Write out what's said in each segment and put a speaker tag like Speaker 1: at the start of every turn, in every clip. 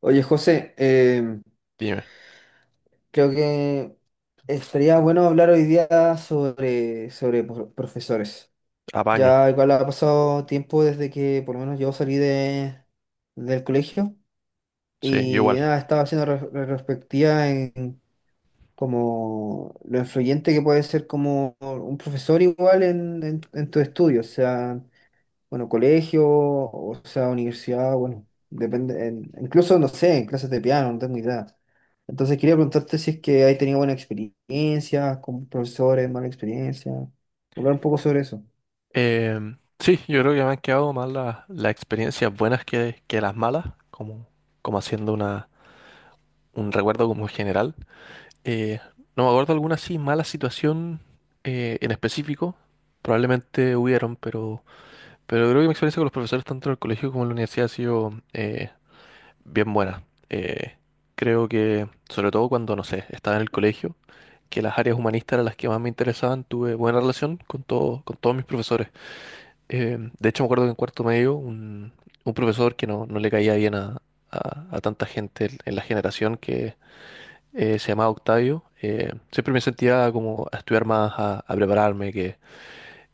Speaker 1: Oye, José,
Speaker 2: Dime,
Speaker 1: creo que estaría bueno hablar hoy día sobre profesores.
Speaker 2: apaño.
Speaker 1: Ya igual ha pasado tiempo desde que por lo menos yo salí de, del colegio
Speaker 2: Sí, yo
Speaker 1: y
Speaker 2: igual.
Speaker 1: nada, estaba haciendo retrospectiva en como lo influyente que puede ser como un profesor igual en tu estudio. O sea, bueno, colegio, o sea, universidad, bueno, depende, incluso, no sé, en clases de piano, no tengo idea. Entonces quería preguntarte si es que hay tenido buena experiencia, con profesores, mala experiencia, hablar un poco sobre eso.
Speaker 2: Sí, yo creo que me han quedado más las experiencias buenas que las malas, como, como haciendo un recuerdo como general. Eh, no me acuerdo alguna así mala situación en específico. Probablemente hubieron, pero creo que mi experiencia con los profesores tanto en el colegio como en la universidad ha sido bien buena. Eh, Creo que, sobre todo cuando, no sé, estaba en el colegio, que las áreas humanistas eran las que más me interesaban, tuve buena relación con todos mis profesores. De hecho, me acuerdo que en cuarto medio, un profesor que no le caía bien a tanta gente en la generación que se llamaba Octavio, siempre me sentía como a estudiar más, a prepararme, que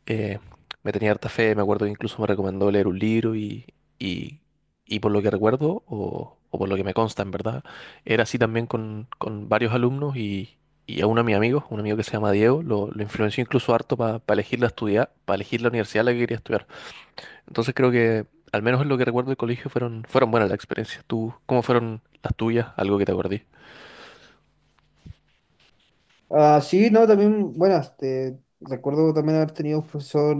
Speaker 2: eh, me tenía harta fe. Me acuerdo que incluso me recomendó leer un libro, y, y por lo que recuerdo, o por lo que me consta en verdad, era así también con varios alumnos, y a uno de mis amigos, un amigo que se llama Diego, lo influenció incluso harto para elegir la estudiar, para elegir la universidad a la que quería estudiar. Entonces creo que, al menos en lo que recuerdo del colegio, fueron buenas las experiencias. ¿Tú, cómo fueron las tuyas? Algo que te acordé.
Speaker 1: Ah, sí, no, también, bueno, este, recuerdo también haber tenido un profesor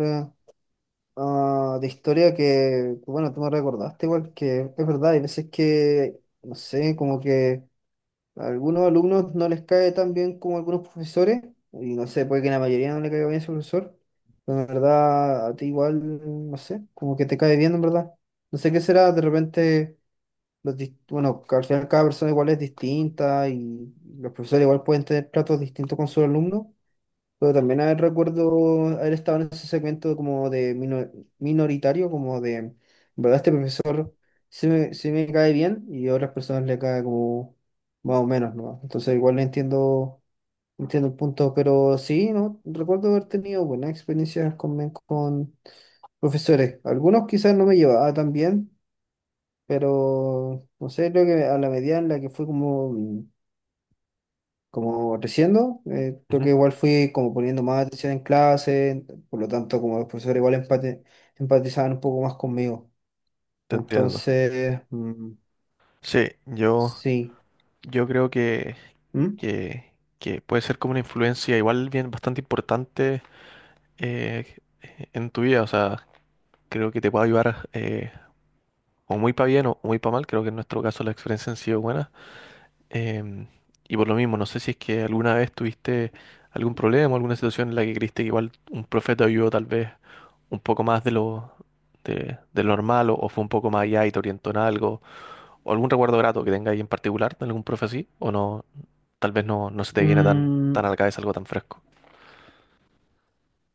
Speaker 1: ah, de historia que, bueno, tú me recordaste igual, que es verdad, hay veces que, no sé, como que a algunos alumnos no les cae tan bien como a algunos profesores, y no sé, puede que la mayoría no le caiga bien su profesor, pero en verdad a ti igual, no sé, como que te cae bien en verdad. No sé qué será, de repente, los, bueno, que al final cada persona igual es distinta y los profesores igual pueden tener tratos distintos con sus alumnos, pero también a recuerdo haber estado en ese segmento como de minoritario, como de, en verdad, este profesor sí me cae bien y a otras personas le cae como más o menos, ¿no? Entonces igual entiendo, entiendo el punto, pero sí, ¿no? Recuerdo haber tenido buenas experiencias con profesores. Algunos quizás no me llevaba tan bien, pero no sé, creo que a la medida en la que fue como como creciendo, creo
Speaker 2: Ujú,
Speaker 1: que igual fui como poniendo más atención en clase, por lo tanto como los profesores igual empatizaban un poco más conmigo.
Speaker 2: te entiendo.
Speaker 1: Entonces, mm,
Speaker 2: Sí,
Speaker 1: sí.
Speaker 2: yo creo que
Speaker 1: ¿Mm?
Speaker 2: que, que puede ser como una influencia igual bien bastante importante eh, en tu vida. O sea, creo que te puede ayudar, o muy para bien o muy para mal. Creo que en nuestro caso las experiencias han sido buenas. Em, y por lo mismo, no sé si es que alguna vez tuviste algún problema, alguna situación en la que creíste que igual un profe te ayudó tal vez un poco más de lo de lo normal, o fue un poco más allá y te orientó en algo, o algún recuerdo grato que tenga ahí en particular de algún profe así, o no, tal vez no se te viene
Speaker 1: Mm,
Speaker 2: tan a la cabeza algo tan fresco.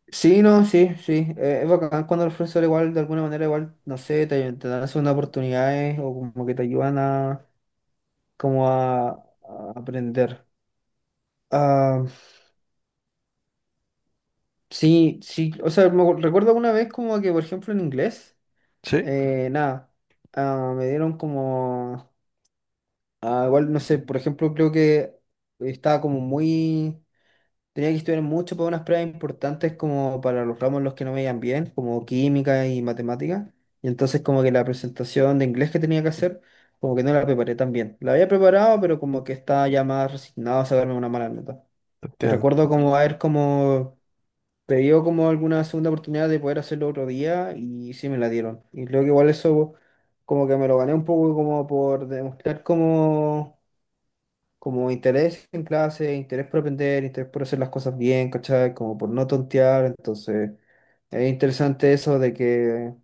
Speaker 1: sí, no, sí, sí. Es bacán cuando los profesores igual, de alguna manera, igual, no sé, te dan segunda oportunidades o como que te ayudan a, como a aprender. Ah, sí, sí, o sea, me recuerdo una vez como que, por ejemplo, en inglés.
Speaker 2: Sí,
Speaker 1: Nada, ah, me dieron como, ah, igual no sé, por ejemplo, creo que estaba como muy, tenía que estudiar mucho para unas pruebas importantes como para los ramos en los que no me iban bien, como química y matemática, y entonces como que la presentación de inglés que tenía que hacer, como que no la preparé tan bien. La había preparado, pero como que estaba ya más resignado a sacarme una mala nota.
Speaker 2: te
Speaker 1: Y
Speaker 2: entiendo,
Speaker 1: recuerdo como haber como te como alguna segunda oportunidad de poder hacerlo otro día y sí me la dieron. Y creo que igual eso como que me lo gané un poco como por demostrar como, como interés en clase, interés por aprender, interés por hacer las cosas bien, ¿cachai? Como por no tontear. Entonces es interesante eso de que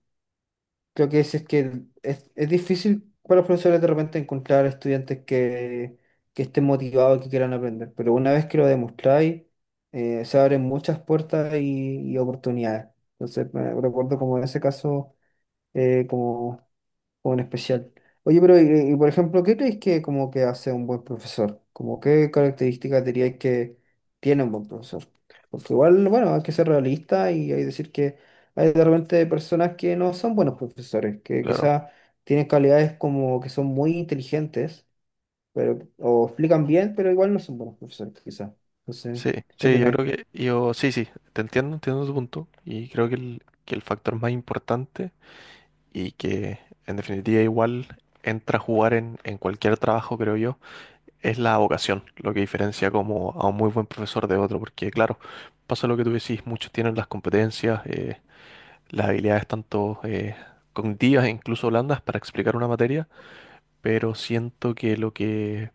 Speaker 1: creo que es, es difícil para los profesores de repente encontrar estudiantes que estén motivados y que quieran aprender, pero una vez que lo demostráis, se abren muchas puertas y oportunidades. Entonces, me recuerdo como en ese caso, como o en especial. Oye, pero y, por ejemplo, ¿qué crees que como que hace un buen profesor? ¿Como qué características diríais que tiene un buen profesor? Porque igual, bueno, hay que ser realista y hay que decir que hay de repente personas que no son buenos profesores, que
Speaker 2: claro.
Speaker 1: quizás tienen calidades como que son muy inteligentes, pero, o explican bien, pero igual no son buenos profesores, quizás. Entonces,
Speaker 2: Sí,
Speaker 1: ¿qué
Speaker 2: sí, yo
Speaker 1: opináis?
Speaker 2: creo que yo, sí, sí, te entiendo, entiendo tu punto. Y creo que el factor más importante y que en definitiva igual entra a jugar en cualquier trabajo, creo yo, es la vocación, lo que diferencia como a un muy buen profesor de otro. Porque claro, pasa lo que tú decís, muchos tienen las competencias, las habilidades tanto cognitivas e incluso blandas para explicar una materia, pero siento que lo que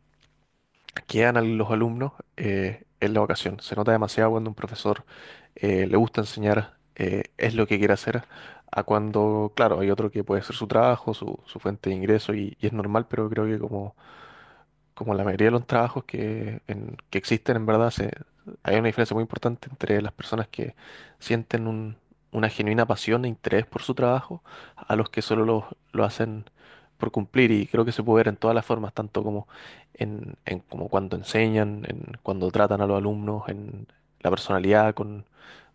Speaker 2: quedan los alumnos, en la vocación. Se nota demasiado cuando un profesor, le gusta enseñar, es lo que quiere hacer, a cuando, claro, hay otro que puede ser su trabajo, su fuente de ingreso, y es normal. Pero creo que como la mayoría de los trabajos que, que existen, en verdad, hay una diferencia muy importante entre las personas que sienten una genuina pasión e interés por su trabajo, a los que solo lo hacen por cumplir. Y creo que se puede ver en todas las formas, tanto como, como cuando enseñan, en cuando tratan a los alumnos, en la personalidad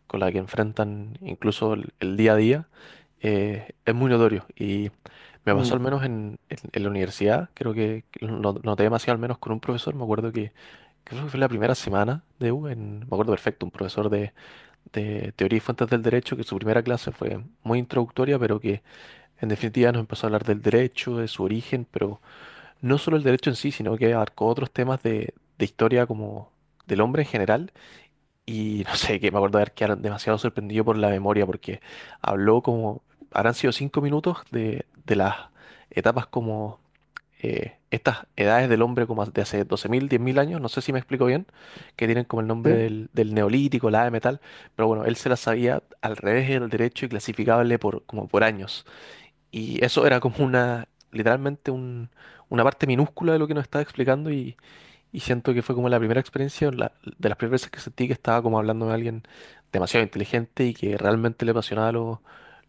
Speaker 2: con la que enfrentan incluso el día a día. Es muy notorio. Y me pasó al
Speaker 1: Mm,
Speaker 2: menos en la universidad. Creo que lo noté demasiado al menos con un profesor. Me acuerdo que creo que fue la primera semana de U, me acuerdo perfecto, un profesor de teoría y fuentes del derecho, que su primera clase fue muy introductoria, pero que en definitiva nos empezó a hablar del derecho, de su origen, pero no solo el derecho en sí, sino que abarcó otros temas de historia como del hombre en general. Y no sé, que me acuerdo de haber quedado demasiado sorprendido por la memoria, porque habló como, habrán sido 5 minutos de las etapas como, estas edades del hombre como de hace 12.000 10.000 años, no sé si me explico bien, que tienen como el
Speaker 1: ¿sí?
Speaker 2: nombre del neolítico, la edad de metal, pero bueno, él se las sabía al revés y al derecho y clasificable por, como por años. Y eso era como literalmente una parte minúscula de lo que nos estaba explicando, y siento que fue como la primera experiencia, de las primeras veces que sentí que estaba como hablando de alguien demasiado inteligente y que realmente le apasionaba lo,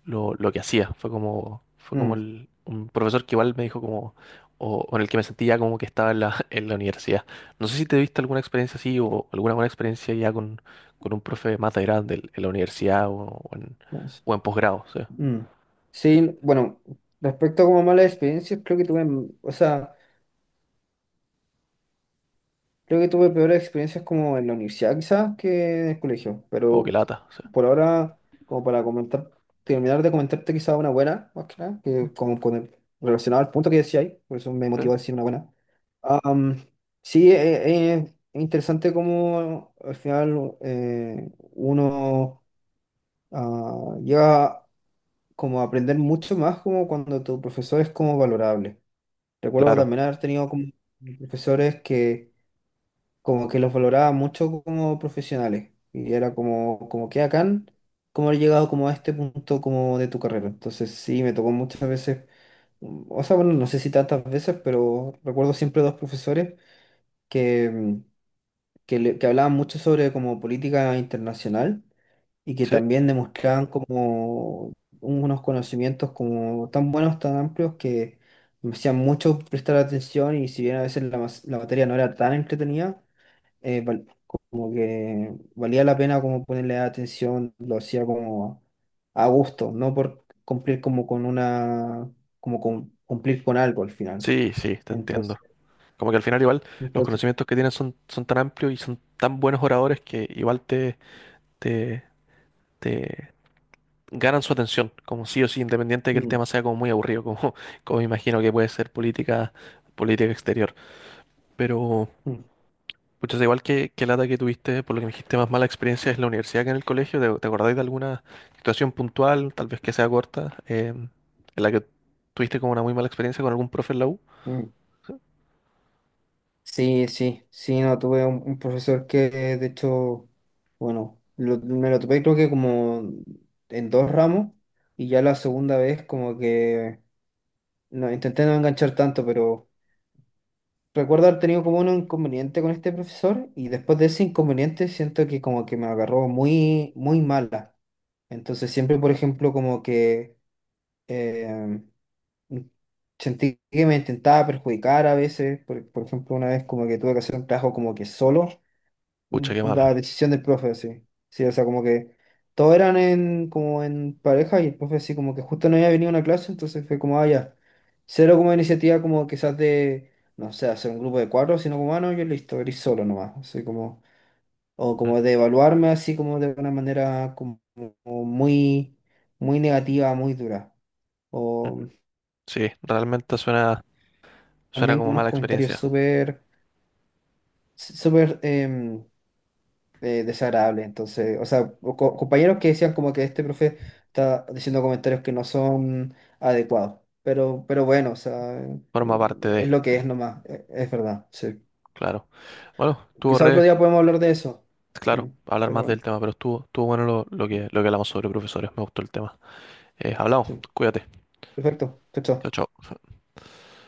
Speaker 2: lo, lo que hacía. Fue como, fue como
Speaker 1: Mm,
Speaker 2: el- un profesor que igual me dijo como, o en el que me sentía como que estaba en la, en la universidad. No sé si te viste alguna experiencia así o alguna buena experiencia ya con un profe más de grande en la universidad o, o en,
Speaker 1: vamos.
Speaker 2: o en posgrado, sí,
Speaker 1: Mm.
Speaker 2: sí.
Speaker 1: Sí, bueno, respecto a como malas experiencias, creo que tuve, mm, o sea, creo que tuve peores experiencias como en la universidad quizás que en el colegio,
Speaker 2: O que
Speaker 1: pero
Speaker 2: lata, sí.
Speaker 1: por ahora, como para comentar, terminar de comentarte quizás una buena, más que nada, que como con relacionado al punto que decía ahí, por eso me
Speaker 2: ¿Eh?
Speaker 1: motivó a decir una buena. Am, sí, es interesante cómo al final uno ah, llega como a aprender mucho más como cuando tu profesor es como valorable. Recuerdo
Speaker 2: Claro,
Speaker 1: también haber tenido como profesores que como que los valoraba mucho como profesionales y era como, como que acá, como he llegado como a este punto como de tu carrera. Entonces sí, me tocó muchas veces, mm, o sea, bueno, no sé si tantas veces, pero recuerdo siempre dos profesores que, mm, que hablaban mucho sobre como política internacional y que
Speaker 2: sí,
Speaker 1: también demostraban como unos conocimientos como tan buenos, tan amplios que me hacían mucho prestar atención y si bien a veces la materia no era tan entretenida, eh, val- como que valía la pena como ponerle atención, lo hacía como a gusto, no por cumplir como con una, como cumplir con algo al final.
Speaker 2: sí, sí, te entiendo.
Speaker 1: Entonces,
Speaker 2: Como que al final igual los
Speaker 1: entonces,
Speaker 2: conocimientos que tienen son tan amplios y son tan buenos oradores que igual te, te ganan su atención, como sí o sí, independiente de que el
Speaker 1: mm,
Speaker 2: tema sea como muy aburrido, como imagino que puede ser política, política exterior. Pero,
Speaker 1: mm,
Speaker 2: pucha, igual que lata que tuviste, por lo que me dijiste, más mala experiencia es la universidad que en el colegio. Te acordáis de alguna situación puntual, tal vez que sea corta, en la que tuviste como una muy mala experiencia con algún profe en la U?
Speaker 1: mm. Sí, sí, sí, no, tuve un profesor que de hecho, bueno, me lo topé creo que como en dos ramos y ya la segunda vez como que no, intenté no enganchar tanto, pero recuerdo haber tenido como un inconveniente con este profesor y después de ese inconveniente siento que como que me agarró muy, muy mala. Entonces siempre, por ejemplo, como que eh, sentí que me intentaba perjudicar a veces. Por ejemplo, una vez como que tuve que hacer un trabajo como que solo
Speaker 2: Pucha, qué
Speaker 1: la
Speaker 2: mala.
Speaker 1: decisión del profe, sí. Sí, o sea, como que todos eran en, como en pareja y el profe sí, como que justo no había venido a una clase, entonces fue como, ah, ya. Cero como iniciativa como quizás de, no sé, hacer un grupo de cuatro, sino como, ah, no, yo listo, eres solo nomás. Así como, o
Speaker 2: Mm,
Speaker 1: como de evaluarme así como de una manera como, como muy, muy negativa, muy dura.
Speaker 2: mm.
Speaker 1: O
Speaker 2: Sí, realmente suena
Speaker 1: también
Speaker 2: como
Speaker 1: como unos
Speaker 2: mala
Speaker 1: comentarios
Speaker 2: experiencia.
Speaker 1: súper, súper desagradable. Entonces, o sea, o compañeros que decían como que este profe está diciendo comentarios que no son adecuados. Pero bueno, o sea,
Speaker 2: Forma parte
Speaker 1: es
Speaker 2: de,
Speaker 1: lo que
Speaker 2: sí,
Speaker 1: es nomás, es verdad, sí.
Speaker 2: claro. Bueno,
Speaker 1: Quizá otro día podemos hablar de eso. Sí,
Speaker 2: claro, hablar
Speaker 1: pero
Speaker 2: más
Speaker 1: bueno,
Speaker 2: del tema, pero estuvo bueno lo que hablamos sobre profesores. Me gustó el tema. Hablamos,
Speaker 1: sí.
Speaker 2: cuídate.
Speaker 1: Perfecto. Chao,
Speaker 2: Chao,
Speaker 1: chao.
Speaker 2: chao.